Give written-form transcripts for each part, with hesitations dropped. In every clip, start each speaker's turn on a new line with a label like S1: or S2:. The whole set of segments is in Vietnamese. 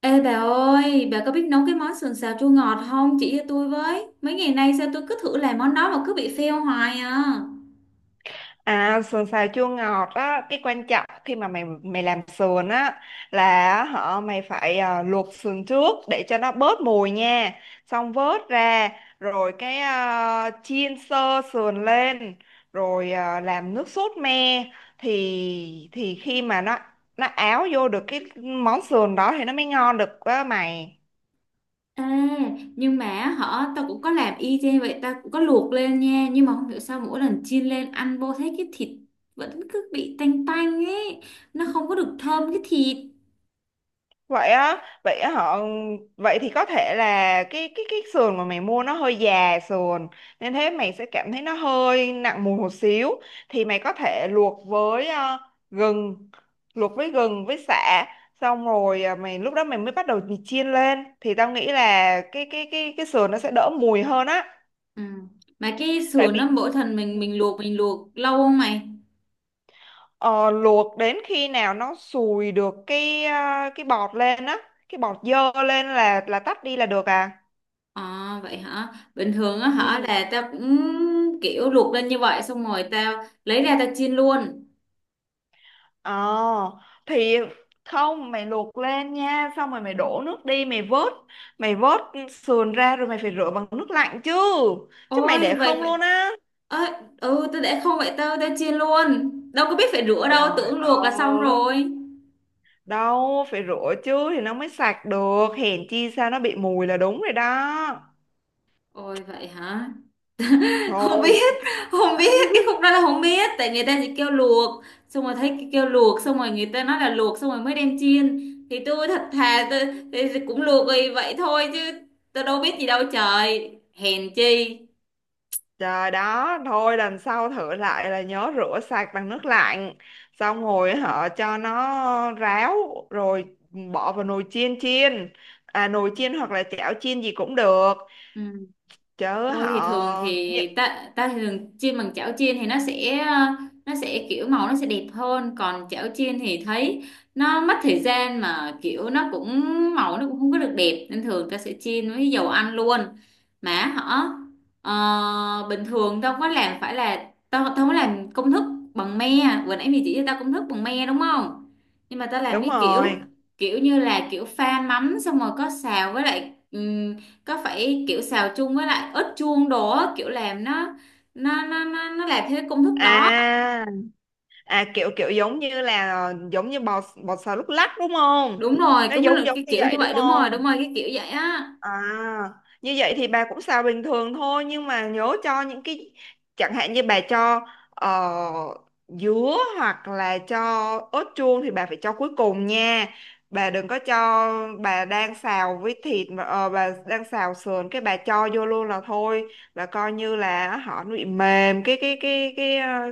S1: Ê bà ơi, bà có biết nấu cái món sườn xào chua ngọt không? Chỉ cho tôi với. Mấy ngày nay sao tôi cứ thử làm món đó mà cứ bị fail hoài à.
S2: À, sườn xào chua ngọt á, cái quan trọng khi mà mày mày làm sườn á là họ mày phải luộc sườn trước để cho nó bớt mùi nha. Xong vớt ra rồi chiên sơ sườn lên, rồi làm nước sốt me, thì khi mà nó áo vô được cái món sườn đó thì nó mới ngon được á mày.
S1: Ê, nhưng mà hả, tao cũng có làm y chang vậy, tao cũng có luộc lên nha. Nhưng mà không hiểu sao mỗi lần chiên lên ăn vô thấy cái thịt vẫn cứ bị tanh tanh ấy. Nó không có được thơm cái thịt.
S2: Vậy á, vậy thì có thể là cái sườn mà mày mua nó hơi già sườn, nên thế mày sẽ cảm thấy nó hơi nặng mùi một xíu. Thì mày có thể luộc với gừng, luộc với gừng với sả, xong rồi mày lúc đó mày mới bắt đầu mày chiên lên thì tao nghĩ là cái sườn nó sẽ đỡ mùi hơn á.
S1: Ừ. Mà cái
S2: Tại
S1: sườn
S2: vì.
S1: nó mỗi lần mình
S2: Ừ.
S1: mình luộc mình luộc lâu không mày?
S2: Ờ, luộc đến khi nào nó sùi được cái bọt lên á, cái bọt dơ lên là tắt đi là được à.
S1: À vậy hả? Bình thường á hả
S2: Ừ.
S1: là tao cũng kiểu luộc lên như vậy, xong rồi tao lấy ra tao chiên luôn.
S2: Ờ thì không, mày luộc lên nha. Xong rồi mày đổ nước đi. Mày vớt sườn ra rồi mày phải rửa bằng nước lạnh chứ. Chứ mày
S1: Ôi
S2: để
S1: vậy
S2: không
S1: vậy.
S2: luôn á.
S1: Ơ, ừ tao để không vậy tao tao chiên luôn. Đâu có biết phải rửa đâu,
S2: Trời
S1: tưởng luộc là xong
S2: ơi!
S1: rồi.
S2: Đâu phải rửa chứ thì nó mới sạch được. Hèn chi sao nó bị mùi là đúng rồi đó.
S1: Ôi vậy hả? Không
S2: Thôi.
S1: biết, không biết cái khúc đó là không biết, tại người ta chỉ kêu luộc xong rồi thấy cái kêu luộc xong rồi người ta nói là luộc xong rồi mới đem chiên. Thì tôi thật thà tôi cũng luộc vì vậy thôi, chứ tôi đâu biết gì đâu trời. Hèn chi.
S2: Trời đó, thôi lần sau thử lại là nhớ rửa sạch bằng nước lạnh. Xong rồi họ cho nó ráo, rồi bỏ vào nồi chiên chiên. À, nồi chiên hoặc là chảo chiên gì cũng được.
S1: Ừ.
S2: Chứ
S1: Tôi thì thường
S2: họ
S1: thì ta ta thì thường chiên bằng chảo chiên thì nó sẽ nó sẽ kiểu màu nó sẽ đẹp hơn, còn chảo chiên thì thấy nó mất thời gian mà kiểu nó cũng màu nó cũng không có được đẹp, nên thường ta sẽ chiên với dầu ăn luôn. Mà hả, bình thường tao không có làm, phải là tao tao không có làm công thức bằng me. Vừa nãy mày chỉ cho tao công thức bằng me đúng không, nhưng mà tao làm
S2: Đúng
S1: cái
S2: rồi.
S1: kiểu kiểu như là kiểu pha mắm xong rồi có xào với lại, có phải kiểu xào chung với lại ớt chuông đồ á, kiểu làm nó nó làm theo cái công thức đó
S2: À à, kiểu kiểu giống như là giống như bò bò xào lúc lắc đúng không?
S1: đúng rồi,
S2: Nó
S1: cũng là
S2: giống giống
S1: cái
S2: như
S1: kiểu
S2: vậy
S1: như
S2: đúng
S1: vậy, đúng
S2: không?
S1: rồi cái kiểu vậy á.
S2: À, như vậy thì bà cũng xào bình thường thôi, nhưng mà nhớ cho những cái, chẳng hạn như bà cho dứa hoặc là cho ớt chuông thì bà phải cho cuối cùng nha. Bà đừng có cho, bà đang xào với thịt mà bà đang xào sườn cái bà cho vô luôn là thôi, là coi như là họ nó bị mềm cái cái cái cái ờ,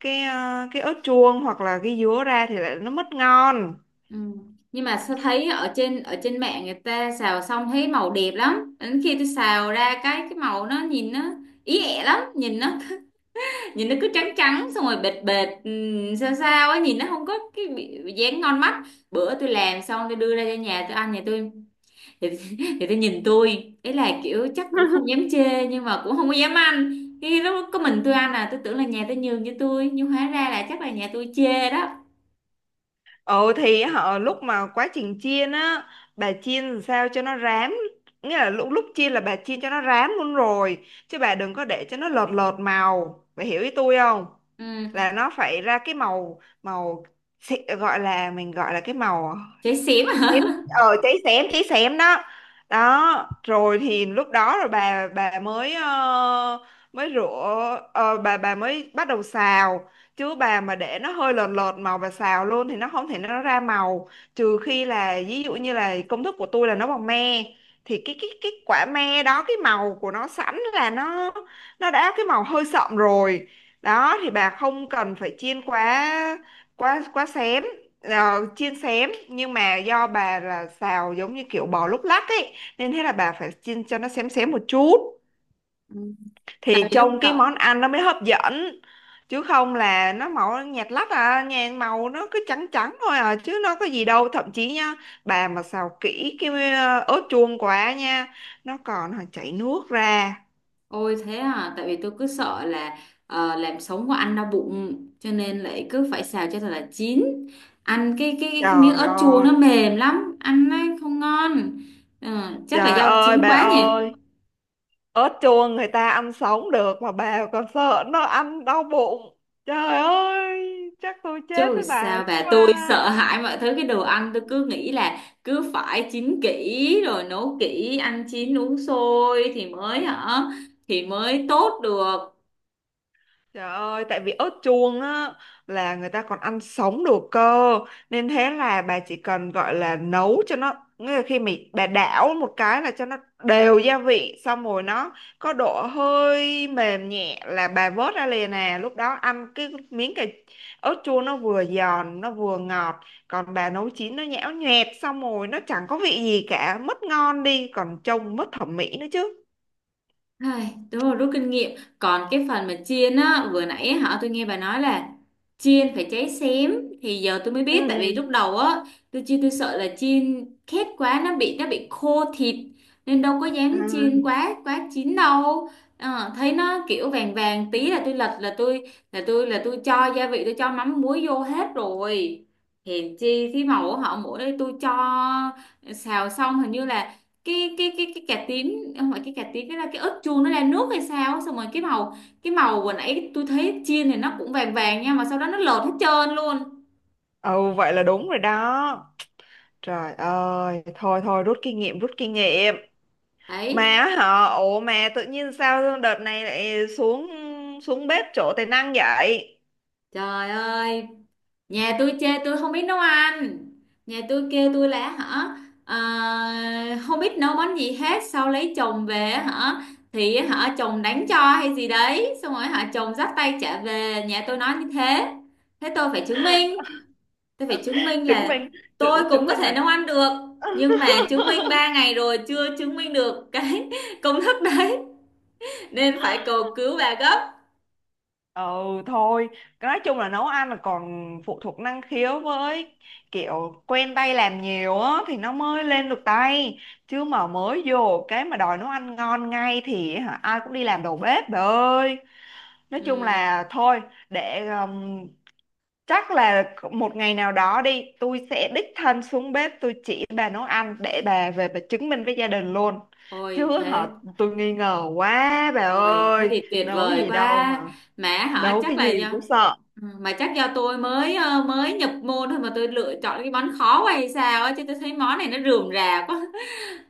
S2: cái ờ, cái ớt chuông hoặc là cái dứa ra thì lại nó mất ngon.
S1: Ừ. Nhưng mà sao thấy ở trên mạng người ta xào xong thấy màu đẹp lắm, đến khi tôi xào ra cái màu nó nhìn nó ý ẹ lắm, nhìn nó nhìn nó cứ trắng trắng xong rồi bệt bệt ừ, sao sao á nhìn nó không có cái dáng ngon mắt. Bữa tôi làm xong tôi đưa ra cho nhà tôi ăn, nhà tôi thì, thì tôi nhìn tôi ấy là kiểu chắc cũng không dám chê nhưng mà cũng không có dám ăn, thì lúc có mình tôi ăn, à tôi tưởng là nhà tôi nhường cho tôi nhưng hóa ra là chắc là nhà tôi chê đó.
S2: Ồ thì họ lúc mà quá trình chiên á, bà chiên làm sao cho nó rám, nghĩa là lúc lúc chiên là bà chiên cho nó rám luôn rồi, chứ bà đừng có để cho nó lợt lợt màu, bà hiểu ý tôi không?
S1: Ừ.
S2: Là nó phải ra cái màu màu gọi là cái màu
S1: Chê xỉm
S2: xém.
S1: hả.
S2: Ờ, cháy xém, cháy xém đó. Đó rồi thì lúc đó rồi bà mới mới rửa, bà mới bắt đầu xào. Chứ bà mà để nó hơi lợt lợt màu và xào luôn thì nó không thể, nó ra màu. Trừ khi là ví dụ như là công thức của tôi là nấu bằng me, thì cái quả me đó cái màu của nó sẵn là nó đã cái màu hơi sậm rồi. Đó thì bà không cần phải chiên quá quá quá xém. Chiên xém, nhưng mà do bà là xào giống như kiểu bò lúc lắc ấy, nên thế là bà phải chiên cho nó xém xém một chút
S1: Ừ.
S2: thì
S1: Tại vì lúc
S2: trông cái
S1: đầu
S2: món ăn nó mới hấp dẫn. Chứ không là nó màu nhạt lắc à, nhà màu nó cứ trắng trắng thôi à chứ nó có gì đâu. Thậm chí nha, bà mà xào kỹ cái ớt chuông quá nha, nó còn chảy nước ra.
S1: ôi thế à, tại vì tôi cứ sợ là làm sống của ăn đau bụng cho nên lại cứ phải xào cho thật là chín, ăn cái cái miếng
S2: Trời
S1: ớt chuông
S2: ơi!
S1: nó mềm lắm ăn nó không ngon. Ờ, chắc là
S2: Trời
S1: do
S2: ơi
S1: chín
S2: bà
S1: quá nhỉ.
S2: ơi, ớt chuông người ta ăn sống được mà bà còn sợ nó ăn đau bụng. Trời ơi, chắc tôi chết
S1: Chứ
S2: với bà
S1: sao
S2: lúc
S1: bà, tôi
S2: đó.
S1: sợ hãi mọi thứ, cái đồ ăn tôi cứ nghĩ là cứ phải chín kỹ rồi nấu kỹ, ăn chín uống sôi thì mới hả thì mới tốt được.
S2: Trời ơi, tại vì ớt chuông á là người ta còn ăn sống được cơ, nên thế là bà chỉ cần gọi là nấu cho nó, nghĩa là khi mình bà đảo một cái là cho nó đều gia vị, xong rồi nó có độ hơi mềm nhẹ là bà vớt ra liền nè. Lúc đó ăn cái miếng cà ớt chuông nó vừa giòn nó vừa ngọt. Còn bà nấu chín nó nhão nhoẹt, xong rồi nó chẳng có vị gì cả, mất ngon đi, còn trông mất thẩm mỹ nữa chứ.
S1: Ai, đúng rồi, rút kinh nghiệm. Còn cái phần mà chiên á, vừa nãy á, hả tôi nghe bà nói là chiên phải cháy xém, thì giờ tôi mới
S2: Ừ.
S1: biết, tại vì lúc đầu á tôi chiên tôi sợ là chiên khét quá nó bị khô thịt, nên đâu có
S2: À.
S1: dám chiên quá quá chín đâu. Ờ, thấy nó kiểu vàng vàng tí là tôi lật là tôi cho gia vị, tôi cho mắm muối vô hết rồi. Hèn chi cái màu của họ mỗi đây tôi cho xào xong hình như là cái cái cà tím, không phải cái cà tím, cái là cái ớt chuông nó ra nước hay sao, xong rồi cái màu vừa nãy tôi thấy chiên thì nó cũng vàng vàng nha, mà sau đó nó lột hết trơn luôn.
S2: Ừ, vậy là đúng rồi đó. Trời ơi, thôi thôi rút kinh nghiệm, rút kinh nghiệm. Mà
S1: Đấy.
S2: hả, ủa mà tự nhiên sao đợt này lại xuống xuống bếp chỗ tài năng vậy?
S1: Trời ơi, nhà tôi chê tôi không biết nấu ăn, nhà tôi kêu tôi là hả, à, không biết nấu món gì hết, sau lấy chồng về hả thì hả chồng đánh cho hay gì đấy xong rồi hả chồng dắt tay trả về nhà tôi nói như thế. Thế tôi phải chứng minh, tôi phải chứng minh
S2: Chứng
S1: là
S2: minh
S1: tôi
S2: chứng, chứng
S1: cũng có
S2: minh
S1: thể
S2: là
S1: nấu ăn được, nhưng mà chứng minh 3 ngày rồi chưa chứng minh được cái công thức đấy, nên phải cầu cứu bà gấp.
S2: ừ. Thôi, nói chung là nấu ăn là còn phụ thuộc năng khiếu với kiểu quen tay làm nhiều á thì nó mới lên được tay. Chứ mà mới vô cái mà đòi nấu ăn ngon ngay thì hả, ai cũng đi làm đầu bếp bà ơi. Nói chung
S1: Ừm,
S2: là thôi, để chắc là một ngày nào đó đi tôi sẽ đích thân xuống bếp tôi chỉ bà nấu ăn để bà về bà chứng minh với gia đình luôn.
S1: Ôi
S2: Chứ
S1: thế,
S2: họ tôi nghi ngờ quá bà
S1: ôi thế
S2: ơi,
S1: thì tuyệt
S2: nấu
S1: vời
S2: gì đâu mà,
S1: quá. Mà hả
S2: nấu
S1: chắc
S2: cái
S1: là
S2: gì
S1: do
S2: cũng sợ.
S1: ừ, mà chắc do tôi mới mới nhập môn thôi mà tôi lựa chọn cái món khó quá hay sao á, chứ tôi thấy món này nó rườm rà quá.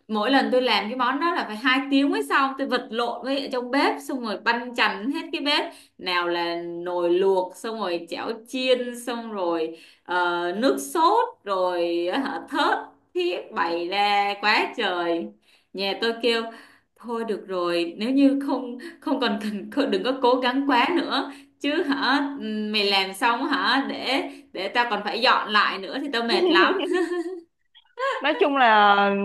S1: Mỗi lần tôi làm cái món đó là phải 2 tiếng mới xong, tôi vật lộn với ở trong bếp xong rồi banh chành hết cái bếp, nào là nồi luộc xong rồi chảo chiên xong rồi nước sốt rồi hả, thớt thiết bày ra quá trời. Nhà tôi kêu thôi được rồi, nếu như không không còn cần đừng có cố gắng quá nữa, chứ hả mày làm xong hả để tao còn phải dọn lại nữa thì tao mệt lắm.
S2: Nói chung là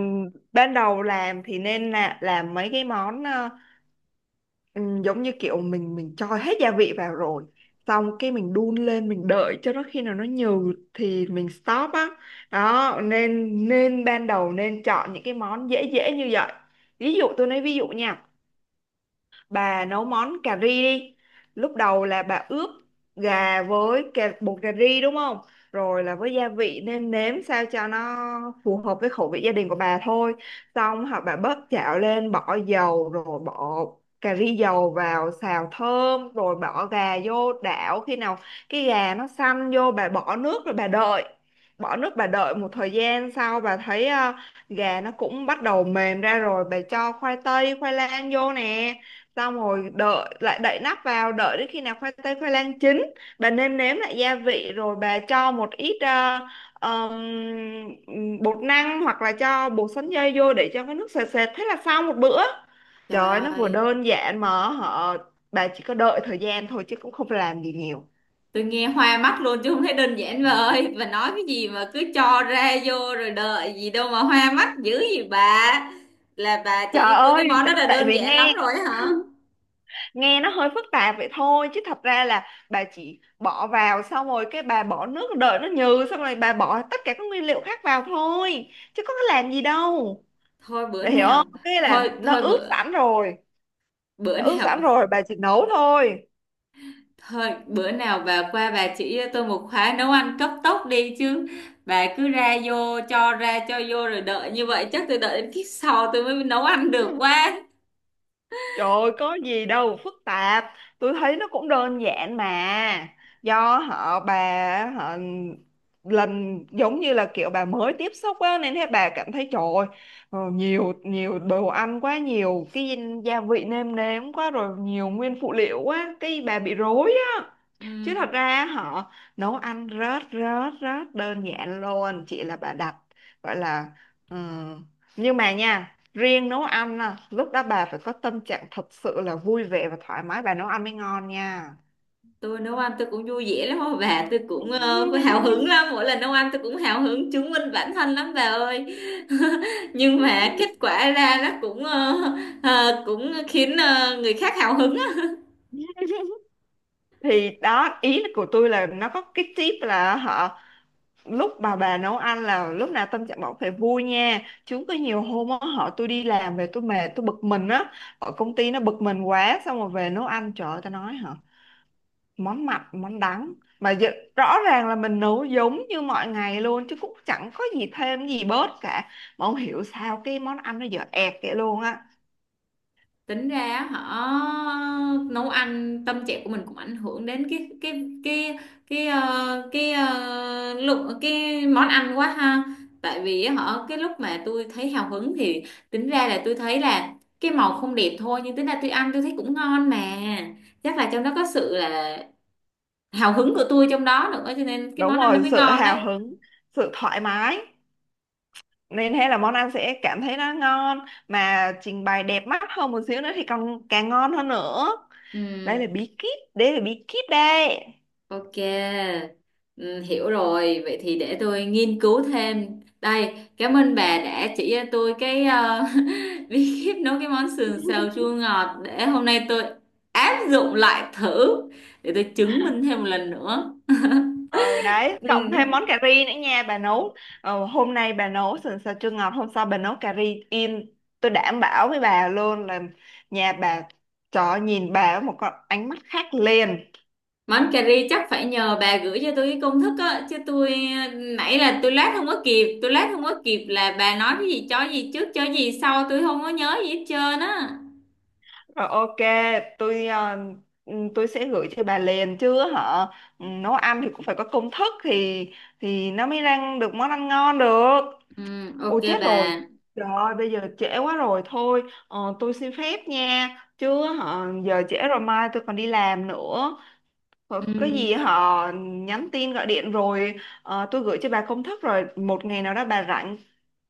S2: ban đầu làm thì nên là làm mấy cái món. Ừ, giống như kiểu mình cho hết gia vị vào rồi xong cái mình đun lên mình đợi cho nó khi nào nó nhừ thì mình stop á. Đó nên nên ban đầu nên chọn những cái món dễ dễ như vậy. Ví dụ tôi nói ví dụ nha, bà nấu món cà ri đi. Lúc đầu là bà ướp gà với bột cà ri đúng không, rồi là với gia vị nêm nếm sao cho nó phù hợp với khẩu vị gia đình của bà thôi. Xong hoặc bà bớt chảo lên bỏ dầu, rồi bỏ cà ri dầu vào xào thơm, rồi bỏ gà vô đảo khi nào cái gà nó săn vô bà bỏ nước, rồi bà đợi, bỏ nước bà đợi một thời gian sau bà thấy gà nó cũng bắt đầu mềm ra rồi bà cho khoai tây khoai lang vô nè. Xong rồi đợi lại, đậy nắp vào đợi đến khi nào khoai tây khoai lang chín, bà nêm nếm lại gia vị rồi bà cho một ít ờm, bột năng hoặc là cho bột sắn dây vô để cho cái nước sệt sệt, thế là xong một bữa. Trời
S1: Trời
S2: ơi, nó vừa
S1: ơi,
S2: đơn giản mà họ bà chỉ có đợi thời gian thôi chứ cũng không phải làm gì nhiều.
S1: tôi nghe hoa mắt luôn chứ không thấy đơn giản bà ơi, bà nói cái gì mà cứ cho ra vô rồi đợi gì đâu mà hoa mắt dữ gì bà, là bà chỉ cho
S2: Trời
S1: tôi cái
S2: ơi,
S1: món đó là
S2: tại
S1: đơn
S2: vì
S1: giản lắm
S2: nghe
S1: rồi á hả.
S2: nghe nó hơi phức tạp vậy thôi, chứ thật ra là bà chỉ bỏ vào xong rồi cái bà bỏ nước đợi nó nhừ, xong rồi bà bỏ tất cả các nguyên liệu khác vào thôi chứ có cái làm gì đâu.
S1: Thôi bữa
S2: Bà hiểu
S1: nào,
S2: không, cái
S1: thôi
S2: là nó
S1: thôi
S2: ướp
S1: bữa
S2: sẵn rồi,
S1: bữa
S2: nó ướp
S1: nào
S2: sẵn rồi, bà chỉ nấu thôi.
S1: thôi bữa nào bà qua bà chỉ cho tôi một khóa nấu ăn cấp tốc đi, chứ bà cứ ra vô cho ra cho vô rồi đợi như vậy chắc tôi đợi đến kiếp sau tôi mới nấu ăn được quá.
S2: Trời ơi, có gì đâu phức tạp, tôi thấy nó cũng đơn giản mà. Do họ bà họ lần giống như là kiểu bà mới tiếp xúc á, nên thế bà cảm thấy trời ơi, nhiều nhiều đồ ăn quá, nhiều cái gia vị nêm nếm quá, rồi nhiều nguyên phụ liệu quá, cái bà bị rối á.
S1: Ừ,
S2: Chứ thật ra họ nấu ăn rất rất rất đơn giản luôn, chỉ là bà đặt gọi là ừm, nhưng mà nha riêng nấu ăn á, lúc đó bà phải có tâm trạng thật sự là vui vẻ và thoải mái bà nấu ăn mới ngon nha.
S1: tôi nấu ăn tôi cũng vui vẻ lắm á bà, tôi cũng hào hứng lắm, mỗi lần nấu ăn tôi cũng hào hứng chứng minh bản thân lắm bà ơi. Nhưng mà kết quả ra nó cũng cũng khiến người khác hào hứng.
S2: Thì đó ý của tôi là nó có cái tip là họ lúc bà nấu ăn là lúc nào tâm trạng bọn phải vui nha. Chứ có nhiều hôm á họ tôi đi làm về tôi mệt tôi bực mình á, ở công ty nó bực mình quá xong rồi về nấu ăn trời ơi tao nói hả, món mặn món đắng, mà rõ ràng là mình nấu giống như mọi ngày luôn chứ cũng chẳng có gì thêm gì bớt cả, mà không hiểu sao cái món ăn nó dở ẹt vậy luôn á.
S1: Tính ra họ nấu ăn tâm trạng của mình cũng ảnh hưởng đến cái cái cái lượng cái món ăn quá ha. Tại vì họ cái lúc mà tôi thấy hào hứng thì tính ra là tôi thấy là cái màu không đẹp thôi, nhưng tính ra tôi ăn tôi thấy cũng ngon mà, chắc là trong đó có sự là hào hứng của tôi trong đó nữa cho nên cái
S2: Đúng
S1: món ăn nó
S2: rồi,
S1: mới
S2: sự
S1: ngon đấy.
S2: hào hứng, sự thoải mái, nên thế là món ăn sẽ cảm thấy nó ngon, mà trình bày đẹp mắt hơn một xíu nữa thì còn càng ngon hơn nữa. Đây là
S1: Ừ.
S2: bí kíp, đây là bí kíp đây.
S1: Ok, ừ, hiểu rồi. Vậy thì để tôi nghiên cứu thêm. Đây, cảm ơn bà đã chỉ cho tôi cái bí kíp nấu cái món sườn xào chua ngọt, để hôm nay tôi áp dụng lại thử, để tôi chứng minh thêm một lần nữa.
S2: Ờ Đấy cộng
S1: Ừ.
S2: thêm món cà ri nữa nha bà nấu. Hôm nay bà nấu sườn xào chua ngọt, hôm sau bà nấu cà ri in, tôi đảm bảo với bà luôn là nhà bà cho nhìn bà với một con ánh mắt khác liền.
S1: Món cà ri chắc phải nhờ bà gửi cho tôi cái công thức á, chứ tôi nãy là tôi lát không có kịp, tôi lát không có kịp là bà nói cái gì cho gì trước cho gì sau tôi không có nhớ gì hết trơn á.
S2: Rồi ok, tôi tôi sẽ gửi cho bà liền. Chứ họ nấu ăn thì cũng phải có công thức thì nó mới ra được món ăn ngon được.
S1: Ừ,
S2: Ồ
S1: ok
S2: chết rồi!
S1: bà.
S2: Trời ơi bây giờ trễ quá rồi. Thôi tôi xin phép nha. Chứ hả, giờ trễ rồi mai tôi còn đi làm nữa.
S1: Ừ,
S2: Ờ, cái gì họ nhắn tin gọi điện rồi. Tôi gửi cho bà công thức rồi. Một ngày nào đó bà rảnh,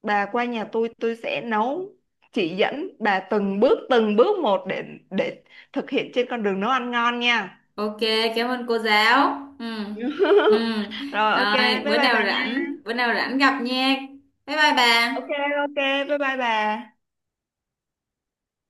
S2: bà qua nhà tôi sẽ nấu, chỉ dẫn bà từng bước một. Để thực hiện trên con đường nấu ăn ngon nha.
S1: ok, cảm ơn cô giáo. Ừ. Ừ.
S2: Rồi ok,
S1: Rồi,
S2: bye bye bà nha.
S1: bữa nào rảnh gặp nha. Bye bye
S2: Ok
S1: bà.
S2: ok bye bye bà.